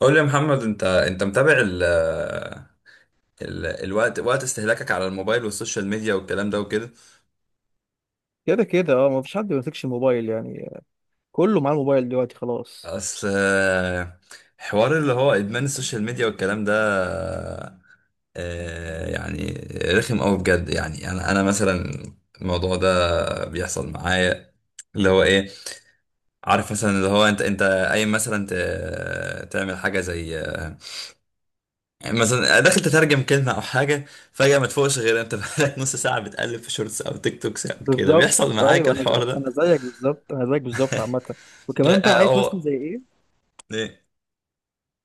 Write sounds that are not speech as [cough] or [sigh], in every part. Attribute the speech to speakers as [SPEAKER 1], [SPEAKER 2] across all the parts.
[SPEAKER 1] قول لي يا محمد، انت متابع ال ال الوقت وقت استهلاكك على الموبايل والسوشيال ميديا والكلام ده وكده.
[SPEAKER 2] كده كده اه، مفيش حد ما بيمسكش الموبايل يعني. كله معاه الموبايل دلوقتي خلاص.
[SPEAKER 1] اصل حوار اللي هو ادمان السوشيال ميديا والكلام ده. يعني رخم قوي بجد. يعني انا مثلا الموضوع ده بيحصل معايا، اللي هو ايه؟ عارف مثلا، اللي هو انت قايم مثلا تعمل حاجه زي، يعني مثلا داخل تترجم كلمة أو حاجة، فجأة ما تفوقش غير أنت بقالك نص ساعة بتقلب في شورتس أو تيك توكس أو كده.
[SPEAKER 2] بالظبط
[SPEAKER 1] بيحصل معاك
[SPEAKER 2] ايوه، انا
[SPEAKER 1] الحوار ده؟
[SPEAKER 2] انا زيك بالظبط، انا زيك بالظبط عامه. وكمان بقى عارف
[SPEAKER 1] أو
[SPEAKER 2] مثلا زي ايه.
[SPEAKER 1] إيه؟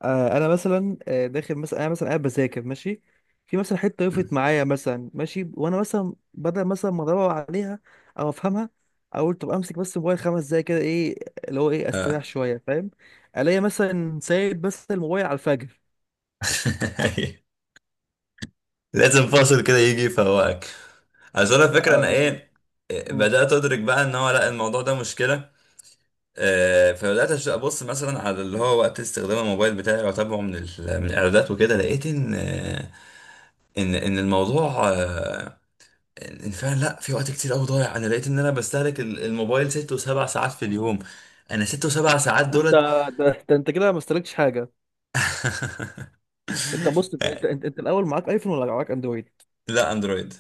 [SPEAKER 2] آه انا مثلا، داخل مثلا، انا مثلا قاعد بذاكر ماشي. في مثلا حته وقفت معايا مثلا ماشي، وانا مثلا بدل مثلا ما ادور عليها او افهمها، اقول طب امسك بس الموبايل 5 دقايق كده ايه، اللي هو ايه استريح
[SPEAKER 1] آه.
[SPEAKER 2] شويه فاهم. الاقي مثلا سايب بس الموبايل على الفجر.
[SPEAKER 1] [laughs] لازم فاصل كده يجي يفوقك. عشان أنا الفكرة،
[SPEAKER 2] آه،
[SPEAKER 1] أنا
[SPEAKER 2] يعني
[SPEAKER 1] إيه،
[SPEAKER 2] مم.
[SPEAKER 1] بدأت أدرك بقى إن هو، لا، الموضوع ده مشكلة. فبدأت أبص مثلا على اللي هو وقت استخدام الموبايل بتاعي، وأتابعه من الإعدادات وكده. لقيت إن إن الموضوع الانفعال، لا، في وقت كتير قوي ضايع. انا لقيت ان انا بستهلك الموبايل ست وسبع ساعات في اليوم. انا ست وسبع ساعات
[SPEAKER 2] ده انت،
[SPEAKER 1] دولت. [laughs]
[SPEAKER 2] ده انت كده ما استهلكتش حاجه. انت بص، انت الاول معاك ايفون ولا معاك اندرويد؟
[SPEAKER 1] لا، اندرويد.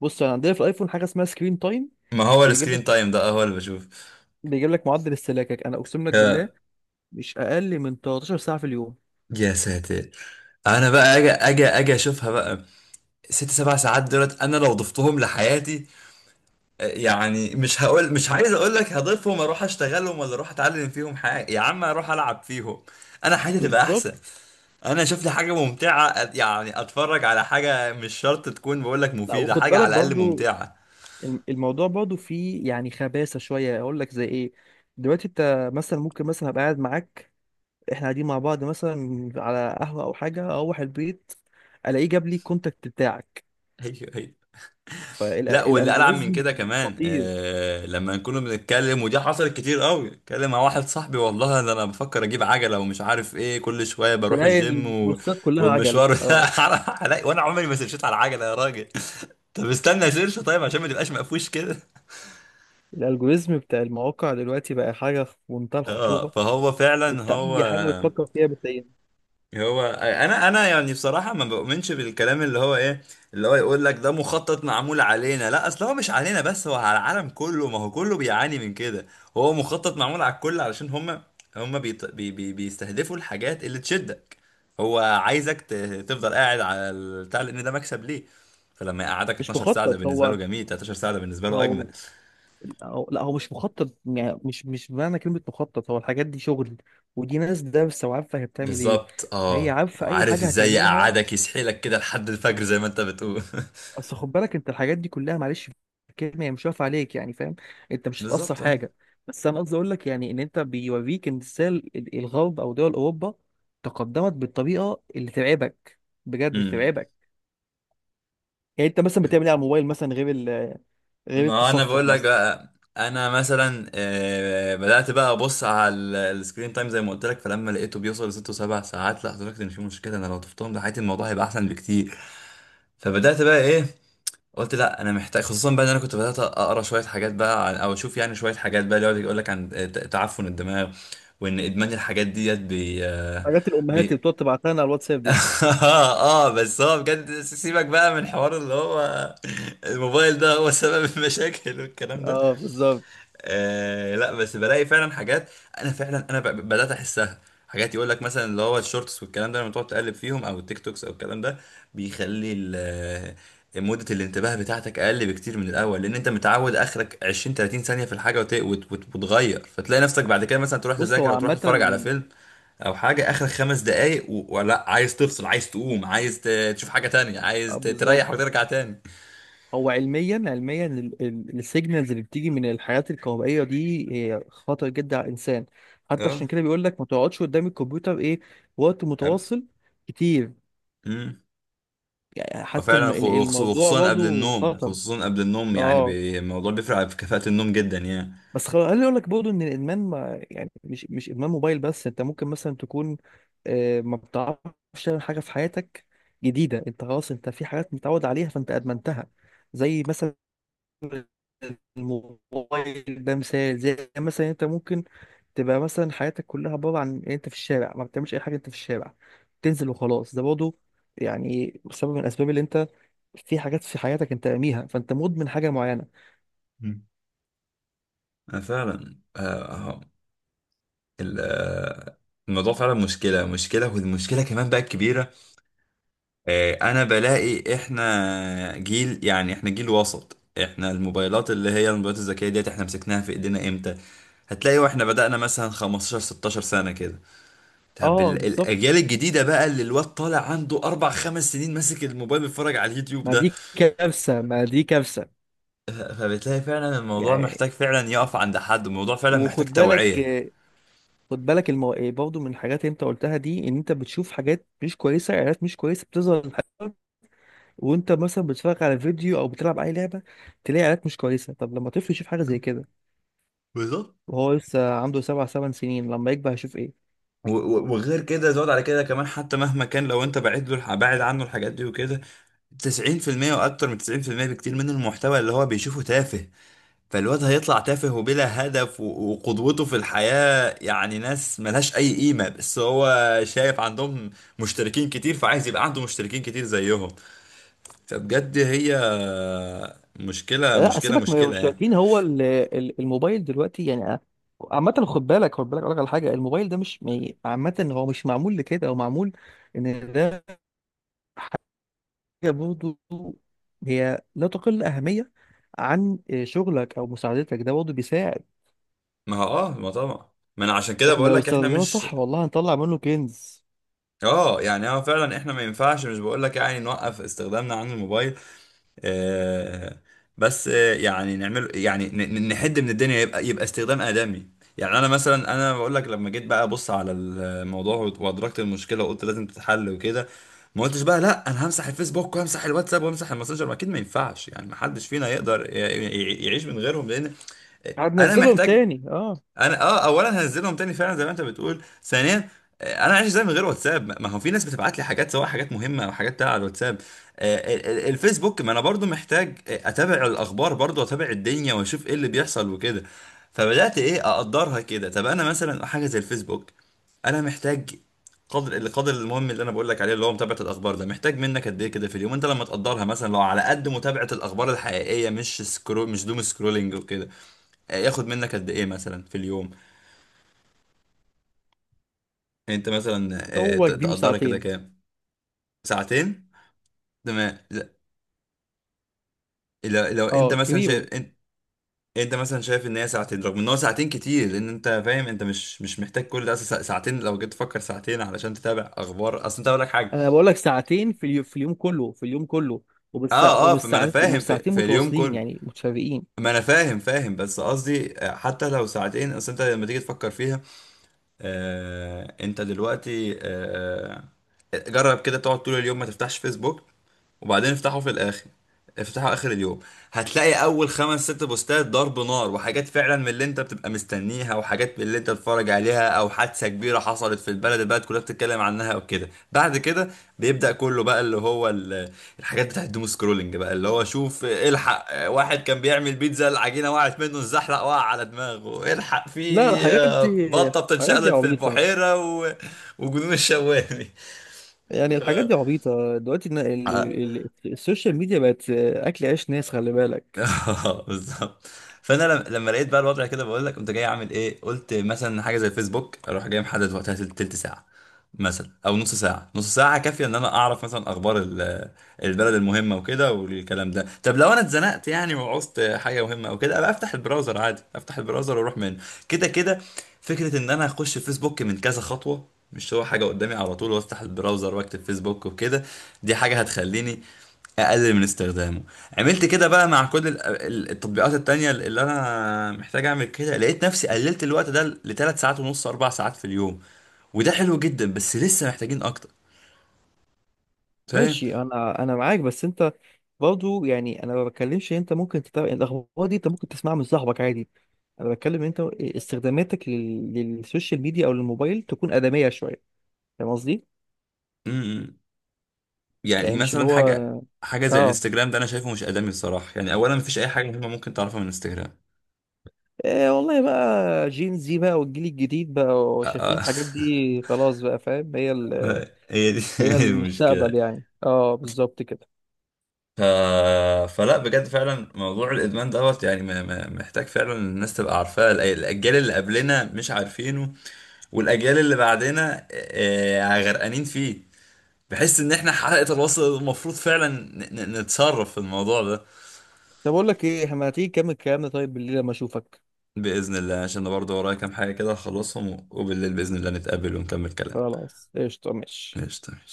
[SPEAKER 2] بص انا عندنا في الايفون حاجه اسمها سكرين تايم.
[SPEAKER 1] ما هو
[SPEAKER 2] بيجيب لك
[SPEAKER 1] السكرين تايم ده هو اللي بشوف.
[SPEAKER 2] بيجيب لك معدل استهلاكك، انا اقسم لك بالله
[SPEAKER 1] يا
[SPEAKER 2] مش اقل من 13 ساعه في اليوم.
[SPEAKER 1] يا ساتر! انا بقى اجي اشوفها بقى. ست سبع ساعات دولت، انا لو ضفتهم لحياتي، يعني مش هقول مش عايز اقول لك هضيفهم اروح اشتغلهم ولا اروح اتعلم فيهم حاجه، يا عم اروح العب فيهم، انا حياتي تبقى
[SPEAKER 2] بالظبط.
[SPEAKER 1] احسن. انا شفت حاجه ممتعه، يعني اتفرج على حاجه مش شرط تكون بقول لك
[SPEAKER 2] لا
[SPEAKER 1] مفيده،
[SPEAKER 2] وخد
[SPEAKER 1] حاجه
[SPEAKER 2] بالك
[SPEAKER 1] على الاقل
[SPEAKER 2] برضو،
[SPEAKER 1] ممتعه.
[SPEAKER 2] الموضوع برضو فيه يعني خباثه شويه، اقول لك زي ايه. دلوقتي انت مثلا ممكن مثلا ابقى قاعد معاك، احنا قاعدين مع بعض مثلا على قهوه او حاجه، اروح البيت الاقيه جاب لي الكونتاكت بتاعك،
[SPEAKER 1] هي هي. لا، واللي العب من
[SPEAKER 2] فالالجوريزم.
[SPEAKER 1] كده كمان،
[SPEAKER 2] خطير.
[SPEAKER 1] لما نكون بنتكلم، ودي حصلت كتير قوي، اتكلم مع واحد صاحبي والله ده انا بفكر اجيب عجله ومش عارف ايه، كل شويه بروح
[SPEAKER 2] تلاقي
[SPEAKER 1] الجيم و...
[SPEAKER 2] البوستات كلها عجل
[SPEAKER 1] والمشوار ده [laughs]
[SPEAKER 2] اه.
[SPEAKER 1] وانا عمري ما سيرشيت على العجله يا راجل. [laughs] طب استنى سيرش، طيب عشان ما تبقاش مقفوش كده.
[SPEAKER 2] الالجوريزم بتاع المواقع دلوقتي بقى حاجه في منتهى
[SPEAKER 1] اه،
[SPEAKER 2] الخطوره.
[SPEAKER 1] فهو فعلا
[SPEAKER 2] انت
[SPEAKER 1] هو.
[SPEAKER 2] اي حاجه بتفكر فيها بتلاقيها.
[SPEAKER 1] هو انا يعني بصراحه ما بؤمنش بالكلام اللي هو ايه، اللي هو يقول لك ده مخطط معمول علينا، لا، اصل هو مش علينا بس، هو على العالم كله، ما هو كله بيعاني من كده. هو مخطط معمول على الكل علشان هم بيستهدفوا الحاجات اللي تشدك. هو عايزك تفضل قاعد على البتاع، لان ده مكسب ليه. فلما يقعدك
[SPEAKER 2] مش
[SPEAKER 1] 12 ساعه ده
[SPEAKER 2] مخطط
[SPEAKER 1] بالنسبه له
[SPEAKER 2] هو.
[SPEAKER 1] جميل، 13 ساعه ده بالنسبه له اجمل.
[SPEAKER 2] هو لا، هو مش مخطط، يعني مش بمعنى كلمه مخطط، هو الحاجات دي شغل. ودي ناس دارسه وعارفه هي بتعمل ايه.
[SPEAKER 1] بالظبط
[SPEAKER 2] هي
[SPEAKER 1] اه.
[SPEAKER 2] عارفه اي
[SPEAKER 1] وعارف
[SPEAKER 2] حاجه
[SPEAKER 1] ازاي
[SPEAKER 2] هتعملها.
[SPEAKER 1] يقعدك يسحلك كده لحد الفجر زي ما انت بتقول.
[SPEAKER 2] اصل خد بالك، انت الحاجات دي كلها معلش، في الكلمه هي مش واقفه عليك، يعني فاهم. انت
[SPEAKER 1] [laughs]
[SPEAKER 2] مش هتاثر
[SPEAKER 1] بالظبط اه.
[SPEAKER 2] حاجه. بس انا قصدي اقول لك يعني ان انت بيوريك ان ازاي الغرب او دول اوروبا تقدمت بالطريقه اللي ترعبك، بجد
[SPEAKER 1] أمم.
[SPEAKER 2] ترعبك. يعني انت مثلا بتعمل ايه على الموبايل مثلا غير
[SPEAKER 1] ما انا
[SPEAKER 2] التصفح
[SPEAKER 1] بقول لك
[SPEAKER 2] مثلا.
[SPEAKER 1] بقى. انا مثلا بدات بقى ابص على السكرين تايم زي ما قلت لك، فلما لقيته بيوصل لست وسبع ساعات، لا، ادركت ان في مشكله. انا لو طفتهم لحياتي الموضوع هيبقى احسن بكتير. فبدات بقى ايه؟ قلت لا، انا محتاج، خصوصا بقى ان انا كنت بدات اقرا شويه حاجات بقى عن، او اشوف يعني شويه حاجات بقى اللي يقعد يقول لك عن تعفن الدماغ، وان ادمان الحاجات ديت بي آه،
[SPEAKER 2] حاجات الامهات اللي
[SPEAKER 1] بي
[SPEAKER 2] بتقعد تبعتها لنا على الواتساب
[SPEAKER 1] [laughs]
[SPEAKER 2] دي.
[SPEAKER 1] اه، بس هو بجد سيبك بقى من حوار اللي هو الموبايل ده هو سبب المشاكل والكلام ده.
[SPEAKER 2] اه بالظبط.
[SPEAKER 1] لا، بس بلاقي فعلا حاجات، انا فعلا انا بدات احسها. حاجات يقول لك مثلا اللي هو الشورتس والكلام ده، لما تقعد تقلب فيهم او التيك توكس او الكلام ده، بيخلي مدة الانتباه بتاعتك اقل بكتير من الاول، لان انت متعود اخرك 20 30 ثانية في الحاجة وتغير. فتلاقي نفسك بعد كده مثلا تروح
[SPEAKER 2] بص هو
[SPEAKER 1] تذاكر او تروح
[SPEAKER 2] عامه.
[SPEAKER 1] تتفرج على فيلم او حاجة، اخرك 5 دقايق ولا، عايز تفصل عايز تقوم عايز تشوف حاجة تانية،
[SPEAKER 2] اه
[SPEAKER 1] عايز
[SPEAKER 2] بالظبط.
[SPEAKER 1] تريح وترجع تاني.
[SPEAKER 2] هو علميا، علميا السيجنالز اللي بتيجي من الحاجات الكهربائيه دي هي خطر جدا على الانسان. حتى عشان
[SPEAKER 1] اه.
[SPEAKER 2] كده بيقول لك ما تقعدش قدام الكمبيوتر ايه وقت
[SPEAKER 1] أب-
[SPEAKER 2] متواصل كتير.
[SPEAKER 1] مم.
[SPEAKER 2] يعني حتى
[SPEAKER 1] فعلا،
[SPEAKER 2] الموضوع
[SPEAKER 1] وخصوصا قبل
[SPEAKER 2] برضه
[SPEAKER 1] النوم،
[SPEAKER 2] خطر.
[SPEAKER 1] خصوصا قبل النوم، يعني
[SPEAKER 2] اه
[SPEAKER 1] الموضوع بيفرق في كفاءة النوم جدا يعني.
[SPEAKER 2] بس خليني اقول لك برضه ان الادمان، ما يعني مش ادمان موبايل بس. انت ممكن مثلا تكون آه، ما بتعرفش تعمل حاجه في حياتك جديده. انت خلاص، انت في حاجات متعود عليها فانت ادمنتها. زي مثلا الموبايل، ده مثال. زي مثلا انت ممكن تبقى مثلا حياتك كلها عباره عن إن انت في الشارع ما بتعملش اي حاجه، انت في الشارع تنزل وخلاص. ده برضه يعني سبب من الاسباب اللي انت في حاجات في حياتك انت راميها، فانت مدمن حاجه معينه.
[SPEAKER 1] مم. أنا فعلا آه، ال- آه، الموضوع فعلا مشكلة مشكلة، والمشكلة كمان بقى الكبيرة. أنا بلاقي إحنا جيل، يعني إحنا جيل وسط. إحنا الموبايلات اللي هي الموبايلات الذكية ديت، إحنا مسكناها في إيدينا إمتى؟ هتلاقي واحنا بدأنا مثلا 15 16 سنة كده. طب
[SPEAKER 2] اه بالظبط.
[SPEAKER 1] الأجيال الجديدة بقى، اللي الواد طالع عنده أربع خمس سنين ماسك الموبايل بيتفرج على اليوتيوب.
[SPEAKER 2] ما دي كارثة ما دي كارثة.
[SPEAKER 1] فبتلاقي فعلا الموضوع
[SPEAKER 2] يعني
[SPEAKER 1] محتاج فعلا يقف عند حد، الموضوع فعلا محتاج
[SPEAKER 2] وخد بالك،
[SPEAKER 1] توعية.
[SPEAKER 2] خد بالك برضه من الحاجات اللي انت قلتها دي، ان انت بتشوف حاجات مش كويسة، اعلانات مش كويسة بتظهر وانت مثلا بتتفرج على فيديو او بتلعب اي لعبة تلاقي اعلانات مش كويسة. طب لما طفل يشوف حاجة زي كده
[SPEAKER 1] بالظبط.
[SPEAKER 2] وهو لسه عنده 7 8 سنين، لما يكبر هيشوف ايه؟
[SPEAKER 1] وغير كده زود على كده كمان، حتى مهما كان لو انت بعد عنه الحاجات دي وكده، 90% واكتر من 90% بكتير من المحتوى اللي هو بيشوفه تافه. فالواد هيطلع تافه وبلا هدف، وقدوته في الحياة يعني ناس ملهاش اي قيمة، بس هو شايف عندهم مشتركين كتير، فعايز يبقى عنده مشتركين كتير زيهم. فبجد هي مشكلة
[SPEAKER 2] لا
[SPEAKER 1] مشكلة
[SPEAKER 2] سيبك من
[SPEAKER 1] مشكلة يعني.
[SPEAKER 2] المشتركين، هو الموبايل دلوقتي يعني آه، عامة خد بالك، خد بالك اقول لك على حاجة. الموبايل ده مش عامة هو مش معمول لكده، هو معمول ان ده برضه هي لا تقل أهمية عن آه، شغلك أو مساعدتك، ده برضه بيساعد.
[SPEAKER 1] ما هو اه، ما طبعا، ما انا عشان كده
[SPEAKER 2] احنا
[SPEAKER 1] بقول
[SPEAKER 2] لو
[SPEAKER 1] لك احنا
[SPEAKER 2] استخدمناه
[SPEAKER 1] مش،
[SPEAKER 2] صح والله هنطلع منه كنز.
[SPEAKER 1] اه يعني اه فعلا احنا ما ينفعش، مش بقول لك يعني نوقف استخدامنا عن الموبايل، آه بس يعني نعمل يعني نحد من الدنيا، يبقى يبقى استخدام آدمي. يعني انا مثلا انا بقول لك، لما جيت بقى ابص على الموضوع وادركت المشكله وقلت لازم تتحل وكده، ما قلتش بقى لا انا همسح الفيسبوك وهمسح الواتساب وهمسح الماسنجر، ما اكيد ما ينفعش يعني، ما حدش فينا يقدر يعيش من غيرهم لان انا
[SPEAKER 2] هننزلهم
[SPEAKER 1] محتاج.
[SPEAKER 2] تاني اه.
[SPEAKER 1] انا اه اولا هنزلهم تاني فعلا زي ما انت بتقول، ثانيا، انا عايش ازاي من غير واتساب؟ ما ما هو في ناس بتبعت لي حاجات، سواء حاجات مهمه او حاجات بتاع على الواتساب. الفيسبوك، ما انا برضو محتاج اتابع الاخبار، برضو اتابع الدنيا واشوف ايه اللي بيحصل وكده. فبدات ايه؟ اقدرها كده. طب انا مثلا حاجه زي الفيسبوك، انا محتاج قدر القدر المهم اللي انا بقول لك عليه اللي هو متابعه الاخبار. ده محتاج منك قد ايه كده في اليوم؟ انت لما تقدرها، مثلا لو على قد متابعه الاخبار الحقيقيه، مش مش دوم سكرولينج وكده، ياخد منك قد ايه مثلا في اليوم؟ انت مثلا
[SPEAKER 2] هو كبير
[SPEAKER 1] تقدرها كده
[SPEAKER 2] ساعتين.
[SPEAKER 1] كام؟ ساعتين. تمام. لا، لو انت
[SPEAKER 2] اه
[SPEAKER 1] مثلا شايف،
[SPEAKER 2] كبير.
[SPEAKER 1] انت، انت مثلا شايف ان هي ساعتين، رغم ان هو ساعتين كتير، لان انت فاهم انت مش محتاج كل ده. اصل ساعتين، لو جيت تفكر ساعتين علشان تتابع اخبار، اصل انت اقول لك حاجه.
[SPEAKER 2] انا بقول لك ساعتين في اليوم، في اليوم كله، في اليوم كله وبس،
[SPEAKER 1] اه، اه،
[SPEAKER 2] ومش
[SPEAKER 1] فما انا فاهم
[SPEAKER 2] مش
[SPEAKER 1] في,
[SPEAKER 2] ساعتين
[SPEAKER 1] في اليوم
[SPEAKER 2] متواصلين
[SPEAKER 1] كله،
[SPEAKER 2] يعني متفرقين.
[SPEAKER 1] ما انا فاهم فاهم، بس قصدي حتى لو ساعتين، اصل انت لما تيجي تفكر فيها، انت دلوقتي جرب كده تقعد طول اليوم ما تفتحش فيسبوك، وبعدين افتحه في الاخر، افتحه اخر اليوم. هتلاقي اول خمس ست بوستات ضرب نار، وحاجات فعلا من اللي انت بتبقى مستنيها، وحاجات من اللي انت بتتفرج عليها، او حادثه كبيره حصلت في البلد، البلد كلها بتتكلم عنها وكده. بعد كده بيبدا كله بقى اللي هو الحاجات بتاعت الدوم سكرولنج، بقى اللي هو شوف الحق واحد كان بيعمل بيتزا العجينه وقعت منه، الزحلق وقع على دماغه، الحق
[SPEAKER 2] لا
[SPEAKER 1] في
[SPEAKER 2] الحاجات دي،
[SPEAKER 1] بطه
[SPEAKER 2] الحاجات دي
[SPEAKER 1] بتتشقلب في
[SPEAKER 2] عبيطة.
[SPEAKER 1] البحيره و... وجنون الشوالي.
[SPEAKER 2] يعني الحاجات دي عبيطة دلوقتي، إن
[SPEAKER 1] [laughs]
[SPEAKER 2] السوشيال ميديا بقت أكل عيش ناس خلي
[SPEAKER 1] [laughs]
[SPEAKER 2] بالك.
[SPEAKER 1] اه بالظبط. فانا لما لقيت بقى الوضع كده، بقول لك قمت جاي اعمل ايه، قلت مثلا حاجه زي الفيسبوك اروح جاي محدد وقتها تلت ساعه مثلا، او نص ساعه. نص ساعه كافيه ان انا اعرف مثلا اخبار البلد المهمه وكده والكلام ده. طب لو انا اتزنقت يعني وعوزت حاجه مهمه او كده، ابقى افتح البراوزر عادي، افتح البراوزر واروح منه كده كده. فكره ان انا اخش الفيسبوك من كذا خطوه، مش هو حاجه قدامي على طول، وافتح البراوزر واكتب فيسبوك وكده، دي حاجه هتخليني اقلل من استخدامه. عملت كده بقى مع كل التطبيقات التانية اللي انا محتاج اعمل كده، لقيت نفسي قللت الوقت ده لثلاث ساعات ونص، اربع ساعات في اليوم. وده حلو جدا، بس لسه محتاجين اكتر. فاهم؟
[SPEAKER 2] ماشي، أنا معاك بس أنت برضه، يعني انا ما بتكلمش إن انت ممكن تتابع الاخبار دي، انت ممكن تسمعها من صاحبك عادي. انا بتكلم إن انت استخداماتك للسوشيال ميديا او للموبايل تكون ادميه شويه. فاهم قصدي؟
[SPEAKER 1] امم. يعني
[SPEAKER 2] يعني مش اللي
[SPEAKER 1] مثلا
[SPEAKER 2] هو
[SPEAKER 1] حاجة زي
[SPEAKER 2] اه.
[SPEAKER 1] الانستجرام، ده انا شايفه مش ادمي الصراحة، يعني اولا مفيش اي حاجة مهمة ممكن تعرفها من الانستجرام.
[SPEAKER 2] إيه والله بقى، جين زي بقى والجيل الجديد بقى
[SPEAKER 1] آه،
[SPEAKER 2] شايفين
[SPEAKER 1] آه.
[SPEAKER 2] الحاجات دي خلاص بقى فاهم، هي
[SPEAKER 1] [laughs] هي دي
[SPEAKER 2] هي
[SPEAKER 1] [laughs]
[SPEAKER 2] المستقبل
[SPEAKER 1] المشكلة.
[SPEAKER 2] يعني. اه بالظبط كده.
[SPEAKER 1] ف... فلا، بجد فعلا موضوع الادمان دوت يعني محتاج فعلا الناس تبقى عارفاه، الاجيال اللي قبلنا مش عارفينه، والاجيال اللي بعدنا غرقانين فيه. بحس ان احنا حلقة الوصل، المفروض فعلا نتصرف في الموضوع ده.
[SPEAKER 2] طب اقول لك ايه، احنا ما تيجي نكمل كلامنا طيب بالليل لما اشوفك.
[SPEAKER 1] باذن الله، عشان انا برضه ورايا كام حاجة كده هخلصهم، وبالليل باذن الله نتقابل ونكمل كلام.
[SPEAKER 2] خلاص قشطه ماشي.
[SPEAKER 1] ماشي، تمام.